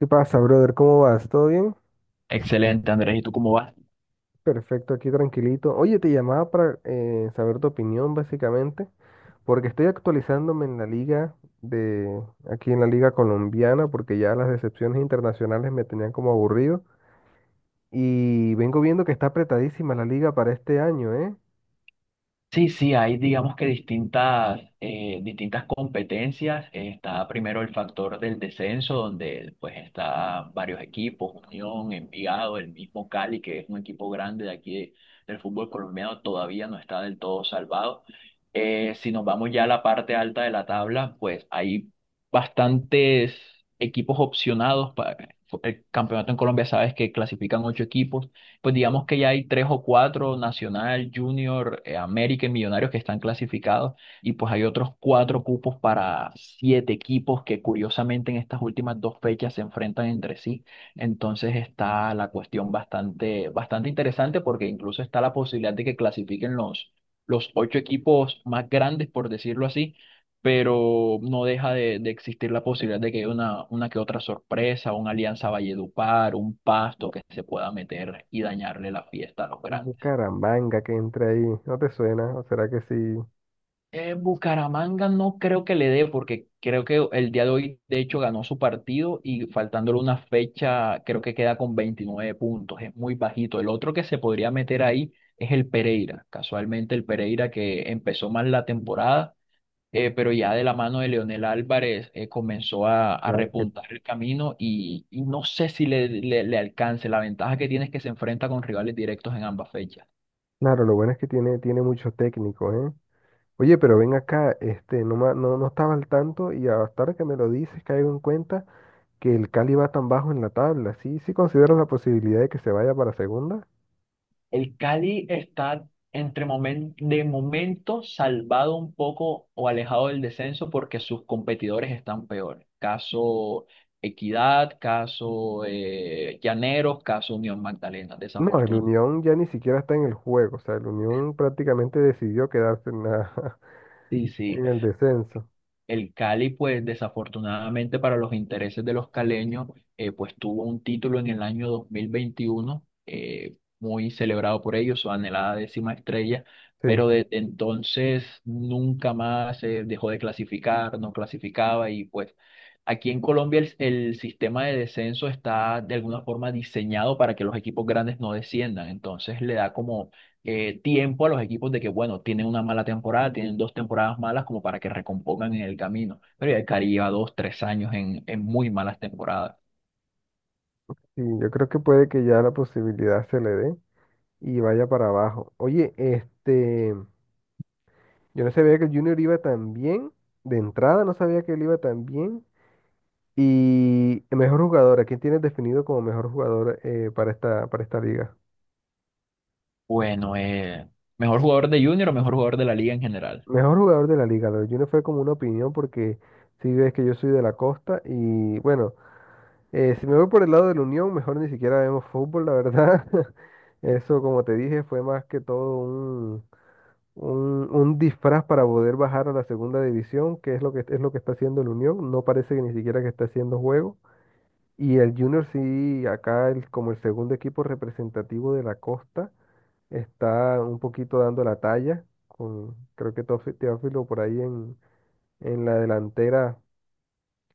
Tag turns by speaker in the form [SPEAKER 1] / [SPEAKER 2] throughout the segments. [SPEAKER 1] ¿Qué pasa, brother? ¿Cómo vas? ¿Todo bien?
[SPEAKER 2] Excelente, Andrés. ¿Y tú cómo vas?
[SPEAKER 1] Perfecto, aquí tranquilito. Oye, te llamaba para saber tu opinión, básicamente, porque estoy actualizándome en la liga de, aquí en la liga colombiana, porque ya las decepciones internacionales me tenían como aburrido. Y vengo viendo que está apretadísima la liga para este año, ¿eh?
[SPEAKER 2] Sí, sí, hay digamos que distintas, distintas competencias. Está primero el factor del descenso, donde pues está varios equipos, Unión, Envigado, el mismo Cali, que es un equipo grande del fútbol colombiano, todavía no está del todo salvado. Si nos vamos ya a la parte alta de la tabla, pues hay bastantes equipos opcionados para el campeonato en Colombia. Sabes que clasifican 8 equipos. Pues digamos que ya hay tres o cuatro, Nacional, Junior, América y Millonarios que están clasificados, y pues hay otros cuatro cupos para siete equipos que curiosamente en estas últimas dos fechas se enfrentan entre sí. Entonces está la cuestión bastante, bastante interesante porque incluso está la posibilidad de que clasifiquen los 8 equipos más grandes, por decirlo así, pero no deja de existir la posibilidad de que haya una que otra sorpresa, una alianza Valledupar, un Pasto que se pueda meter y dañarle la fiesta a los
[SPEAKER 1] Un
[SPEAKER 2] grandes.
[SPEAKER 1] Bucaramanga que entra ahí, ¿no te suena? ¿O será que sí?
[SPEAKER 2] Bucaramanga no creo que le dé, porque creo que el día de hoy, de hecho, ganó su partido y faltándole una fecha, creo que queda con 29 puntos, es muy bajito. El otro que se podría meter ahí es el Pereira, casualmente el Pereira que empezó mal la temporada, pero ya de la mano de Leonel Álvarez comenzó a
[SPEAKER 1] Claro,
[SPEAKER 2] repuntar el camino y no sé si le, le- le alcance. La ventaja que tiene es que se enfrenta con rivales directos en ambas fechas.
[SPEAKER 1] claro, lo bueno es que tiene, tiene mucho técnico, ¿eh? Oye, pero ven acá, no, no, no estaba al tanto y hasta ahora que me lo dices caigo en cuenta que el Cali va tan bajo en la tabla. ¿Sí, sí consideras la posibilidad de que se vaya para segunda?
[SPEAKER 2] El Cali está de momento salvado un poco o alejado del descenso porque sus competidores están peores. Caso Equidad, caso Llaneros, caso Unión Magdalena,
[SPEAKER 1] No, el
[SPEAKER 2] desafortunadamente.
[SPEAKER 1] Unión ya ni siquiera está en el juego. O sea, el Unión prácticamente decidió quedarse
[SPEAKER 2] Sí, sí.
[SPEAKER 1] en el descenso.
[SPEAKER 2] El Cali, pues desafortunadamente para los intereses de los caleños, pues tuvo un título en el año 2021, muy celebrado por ellos, su anhelada décima estrella,
[SPEAKER 1] Sí,
[SPEAKER 2] pero desde entonces nunca más dejó de clasificar, no clasificaba, y pues aquí en Colombia el sistema de descenso está de alguna forma diseñado para que los equipos grandes no desciendan, entonces le da como tiempo a los equipos de que, bueno, tienen una mala temporada, tienen dos temporadas malas como para que recompongan en el camino. Pero ya el Cari lleva dos, tres años en muy malas temporadas.
[SPEAKER 1] sí, yo creo que puede que ya la posibilidad se le dé y vaya para abajo. Oye, este, yo no sabía que el Junior iba tan bien. De entrada no sabía que él iba tan bien. Y el mejor jugador, ¿a quién tienes definido como mejor jugador para esta liga?
[SPEAKER 2] Bueno, mejor jugador de Junior o mejor jugador de la liga en general.
[SPEAKER 1] Mejor jugador de la liga, lo de Junior fue como una opinión porque si ves que yo soy de la costa y bueno, si me voy por el lado de la Unión, mejor ni siquiera vemos fútbol, la verdad. Eso, como te dije, fue más que todo un disfraz para poder bajar a la segunda división, que es lo que, es lo que está haciendo el Unión. No parece que ni siquiera que está haciendo juego. Y el Junior sí, acá como el segundo equipo representativo de la costa. Está un poquito dando la talla, con, creo que Teófilo por ahí en la delantera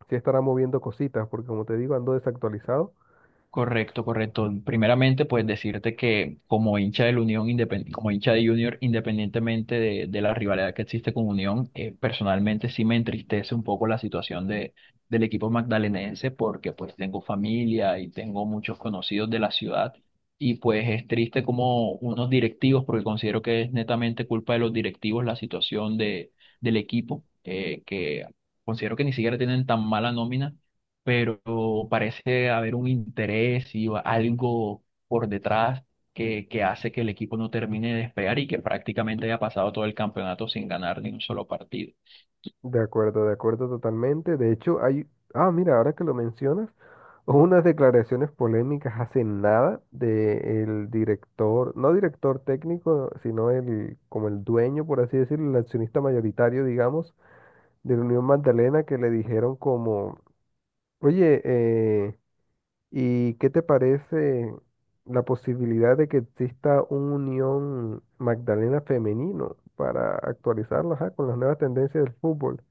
[SPEAKER 1] sí estará moviendo cositas, porque como te digo, ando desactualizado.
[SPEAKER 2] Correcto, correcto. Primeramente, pues decirte que como hincha de Junior, independientemente de la rivalidad que existe con Unión, personalmente sí me entristece un poco la situación del equipo magdalenense porque pues tengo familia y tengo muchos conocidos de la ciudad, y pues es triste como unos directivos, porque considero que es netamente culpa de los directivos la situación del equipo, que considero que ni siquiera tienen tan mala nómina, pero parece haber un interés y algo por detrás que hace que el equipo no termine de despegar y que prácticamente haya pasado todo el campeonato sin ganar ni un solo partido.
[SPEAKER 1] De acuerdo totalmente. De hecho, ah, mira, ahora que lo mencionas, hubo unas declaraciones polémicas hace nada del director, no director técnico, sino el, como el dueño, por así decirlo, el accionista mayoritario, digamos, de la Unión Magdalena, que le dijeron como, oye, ¿y qué te parece la posibilidad de que exista una Unión Magdalena femenino para actualizarla, ajá, con las nuevas tendencias del fútbol?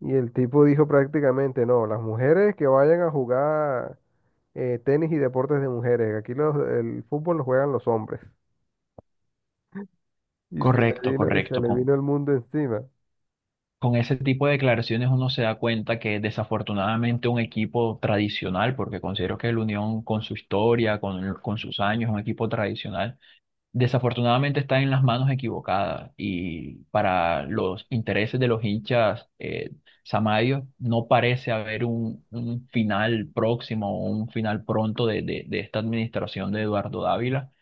[SPEAKER 1] Y el tipo dijo prácticamente, no, las mujeres que vayan a jugar tenis y deportes de mujeres, aquí los, el fútbol lo juegan los hombres. Y se le
[SPEAKER 2] Correcto,
[SPEAKER 1] vino, y se
[SPEAKER 2] correcto.
[SPEAKER 1] le vino el mundo encima.
[SPEAKER 2] Con ese tipo de declaraciones uno se da cuenta que desafortunadamente un equipo tradicional, porque considero que el Unión con su historia, con sus años, un equipo tradicional desafortunadamente está en las manos equivocadas, y para los intereses de los hinchas samarios no parece haber un final próximo o un final pronto de esta administración de Eduardo Dávila.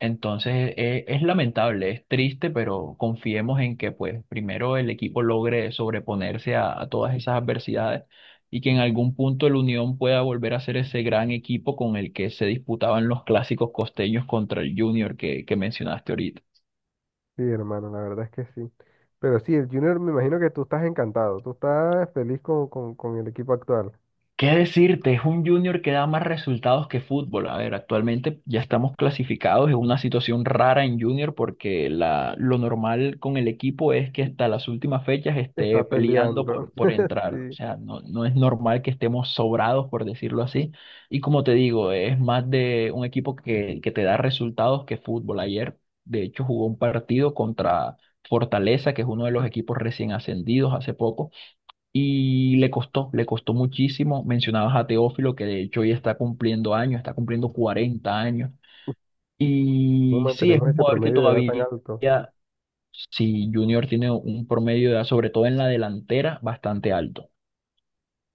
[SPEAKER 2] Entonces es lamentable, es triste, pero confiemos en que pues primero el equipo logre sobreponerse a todas esas adversidades, y que en algún punto el Unión pueda volver a ser ese gran equipo con el que se disputaban los clásicos costeños contra el Junior que mencionaste ahorita.
[SPEAKER 1] Sí, hermano, la verdad es que sí. Pero sí, el Junior, me imagino que tú estás encantado, tú estás feliz con el equipo actual.
[SPEAKER 2] ¿Qué decirte? Es un Junior que da más resultados que fútbol. A ver, actualmente ya estamos clasificados. Es una situación rara en Junior porque lo normal con el equipo es que hasta las últimas fechas
[SPEAKER 1] Está
[SPEAKER 2] esté peleando
[SPEAKER 1] peleando.
[SPEAKER 2] por entrar. O
[SPEAKER 1] Sí.
[SPEAKER 2] sea, no, no es normal que estemos sobrados, por decirlo así. Y como te digo, es más de un equipo que te da resultados que fútbol. Ayer, de hecho, jugó un partido contra Fortaleza, que es uno de los equipos recién ascendidos hace poco, y le costó muchísimo. Mencionabas a Teófilo, que de hecho ya está cumpliendo años, está cumpliendo 40 años.
[SPEAKER 1] ¿Cómo
[SPEAKER 2] Y sí, es
[SPEAKER 1] mantenemos
[SPEAKER 2] un
[SPEAKER 1] ese
[SPEAKER 2] jugador que
[SPEAKER 1] promedio de edad tan
[SPEAKER 2] todavía,
[SPEAKER 1] alto?
[SPEAKER 2] si Junior tiene un promedio de edad, sobre todo en la delantera, bastante alto.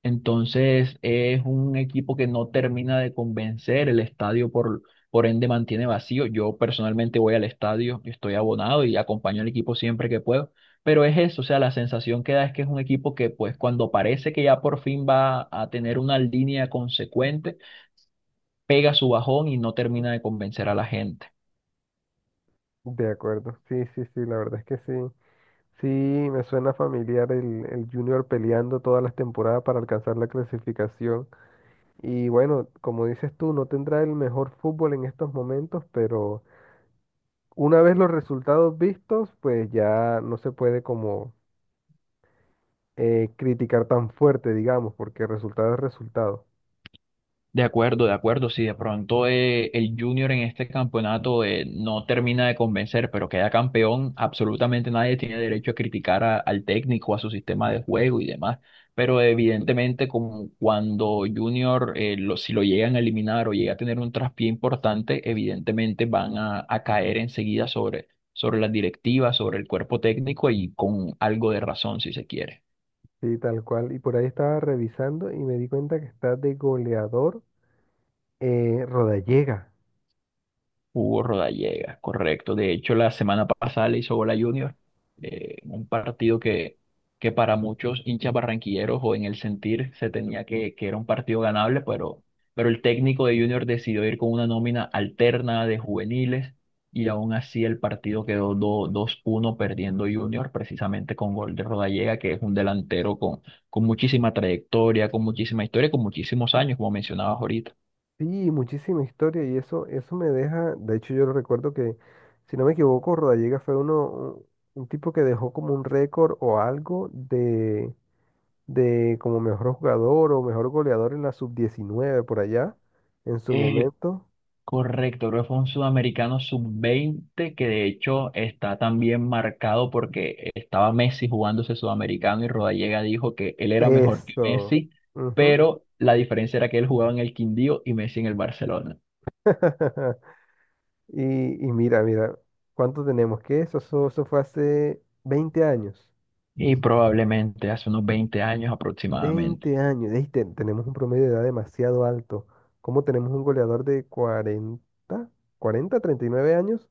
[SPEAKER 2] Entonces es un equipo que no termina de convencer, el estadio por ende mantiene vacío. Yo personalmente voy al estadio, estoy abonado y acompaño al equipo siempre que puedo, pero es eso, o sea, la sensación que da es que es un equipo que pues cuando parece que ya por fin va a tener una línea consecuente, pega su bajón y no termina de convencer a la gente.
[SPEAKER 1] De acuerdo, sí, sí, sí, la verdad es que sí. Sí, me suena familiar el Junior peleando todas las temporadas para alcanzar la clasificación. Y bueno, como dices tú, no tendrá el mejor fútbol en estos momentos, pero una vez los resultados vistos, pues ya no se puede como criticar tan fuerte, digamos, porque resultado es resultado.
[SPEAKER 2] De acuerdo, de acuerdo. Si de pronto el Junior en este campeonato no termina de convencer, pero queda campeón, absolutamente nadie tiene derecho a criticar al técnico, a su sistema de juego y demás. Pero evidentemente, como cuando Junior, si lo llegan a eliminar o llega a tener un traspié importante, evidentemente van a caer enseguida sobre las directivas, sobre el cuerpo técnico, y con algo de razón, si se quiere.
[SPEAKER 1] Sí, tal cual. Y por ahí estaba revisando y me di cuenta que está de goleador Rodallega.
[SPEAKER 2] Hugo Rodallega, correcto. De hecho, la semana pasada le hizo gol a Junior, un partido que para muchos hinchas barranquilleros o en el sentir se tenía que era un partido ganable, pero el técnico de Junior decidió ir con una nómina alterna de juveniles, y aún así el partido quedó dos uno, perdiendo Junior, precisamente con gol de Rodallega, que es un delantero con muchísima trayectoria, con muchísima historia, con muchísimos años, como mencionabas ahorita.
[SPEAKER 1] Sí, muchísima historia y eso me deja, de hecho yo recuerdo que, si no me equivoco, Rodallega fue uno, un tipo que dejó como un récord o algo de, como mejor jugador o mejor goleador en la sub-19 por allá, en su
[SPEAKER 2] Eh,
[SPEAKER 1] momento.
[SPEAKER 2] Correcto, creo que fue un sudamericano sub-20 que de hecho está también marcado porque estaba Messi jugando ese sudamericano y Rodallega dijo que él era mejor que
[SPEAKER 1] Eso.
[SPEAKER 2] Messi,
[SPEAKER 1] Ujú.
[SPEAKER 2] pero la diferencia era que él jugaba en el Quindío y Messi en el Barcelona.
[SPEAKER 1] Y mira, mira, ¿cuánto tenemos? ¿Qué eso? Eso fue hace 20 años.
[SPEAKER 2] Y probablemente hace unos 20 años aproximadamente.
[SPEAKER 1] 20 años, ey, tenemos un promedio de edad demasiado alto. ¿Cómo tenemos un goleador de 40, 40, 39 años?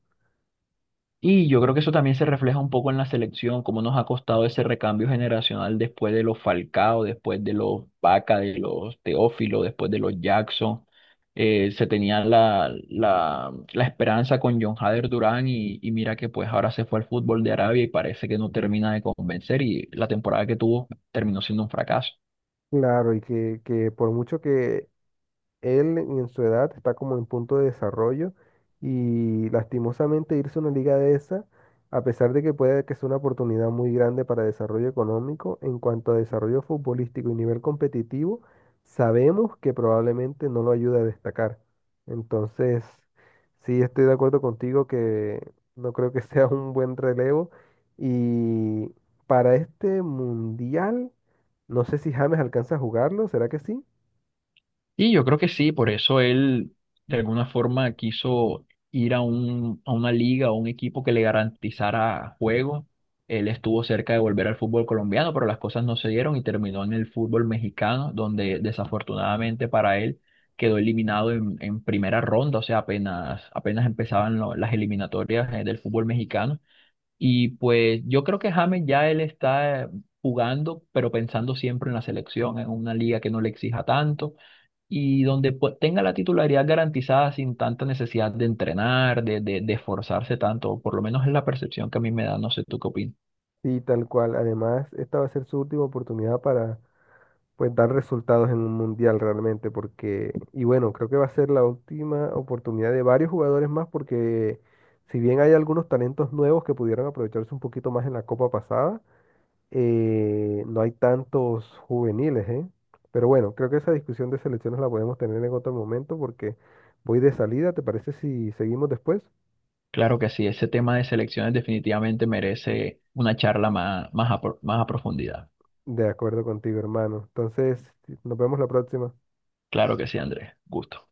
[SPEAKER 2] Y yo creo que eso también se refleja un poco en la selección, cómo nos ha costado ese recambio generacional después de los Falcao, después de los Vaca, de los Teófilo, después de los Jackson. Se tenía la esperanza con John Hader Durán, y mira que pues ahora se fue al fútbol de Arabia y parece que no termina de convencer, y la temporada que tuvo terminó siendo un fracaso.
[SPEAKER 1] Claro, y que por mucho que él en su edad está como en punto de desarrollo y lastimosamente irse a una liga de esa, a pesar de que puede que sea una oportunidad muy grande para desarrollo económico, en cuanto a desarrollo futbolístico y nivel competitivo, sabemos que probablemente no lo ayuda a destacar. Entonces, sí estoy de acuerdo contigo que no creo que sea un buen relevo y para este mundial, no sé si James alcanza a jugarlo, ¿será que sí?
[SPEAKER 2] Y yo creo que sí, por eso él de alguna forma quiso ir a a una liga o un equipo que le garantizara juego. Él estuvo cerca de volver al fútbol colombiano, pero las cosas no se dieron y terminó en el fútbol mexicano, donde desafortunadamente para él quedó eliminado en primera ronda, o sea, apenas, apenas empezaban las eliminatorias del fútbol mexicano. Y pues yo creo que James ya él está jugando, pero pensando siempre en la selección, en una liga que no le exija tanto y donde pues tenga la titularidad garantizada sin tanta necesidad de entrenar, de esforzarse tanto, por lo menos es la percepción que a mí me da, no sé tú qué opinas.
[SPEAKER 1] Sí, tal cual. Además, esta va a ser su última oportunidad para pues dar resultados en un mundial realmente, porque, y bueno, creo que va a ser la última oportunidad de varios jugadores más, porque si bien hay algunos talentos nuevos que pudieron aprovecharse un poquito más en la Copa pasada, no hay tantos juveniles, ¿eh? Pero bueno, creo que esa discusión de selecciones la podemos tener en otro momento, porque voy de salida, ¿te parece si seguimos después?
[SPEAKER 2] Claro que sí, ese tema de selecciones definitivamente merece una charla más, más a profundidad.
[SPEAKER 1] De acuerdo contigo, hermano. Entonces, nos vemos la próxima.
[SPEAKER 2] Claro que sí, Andrés, gusto.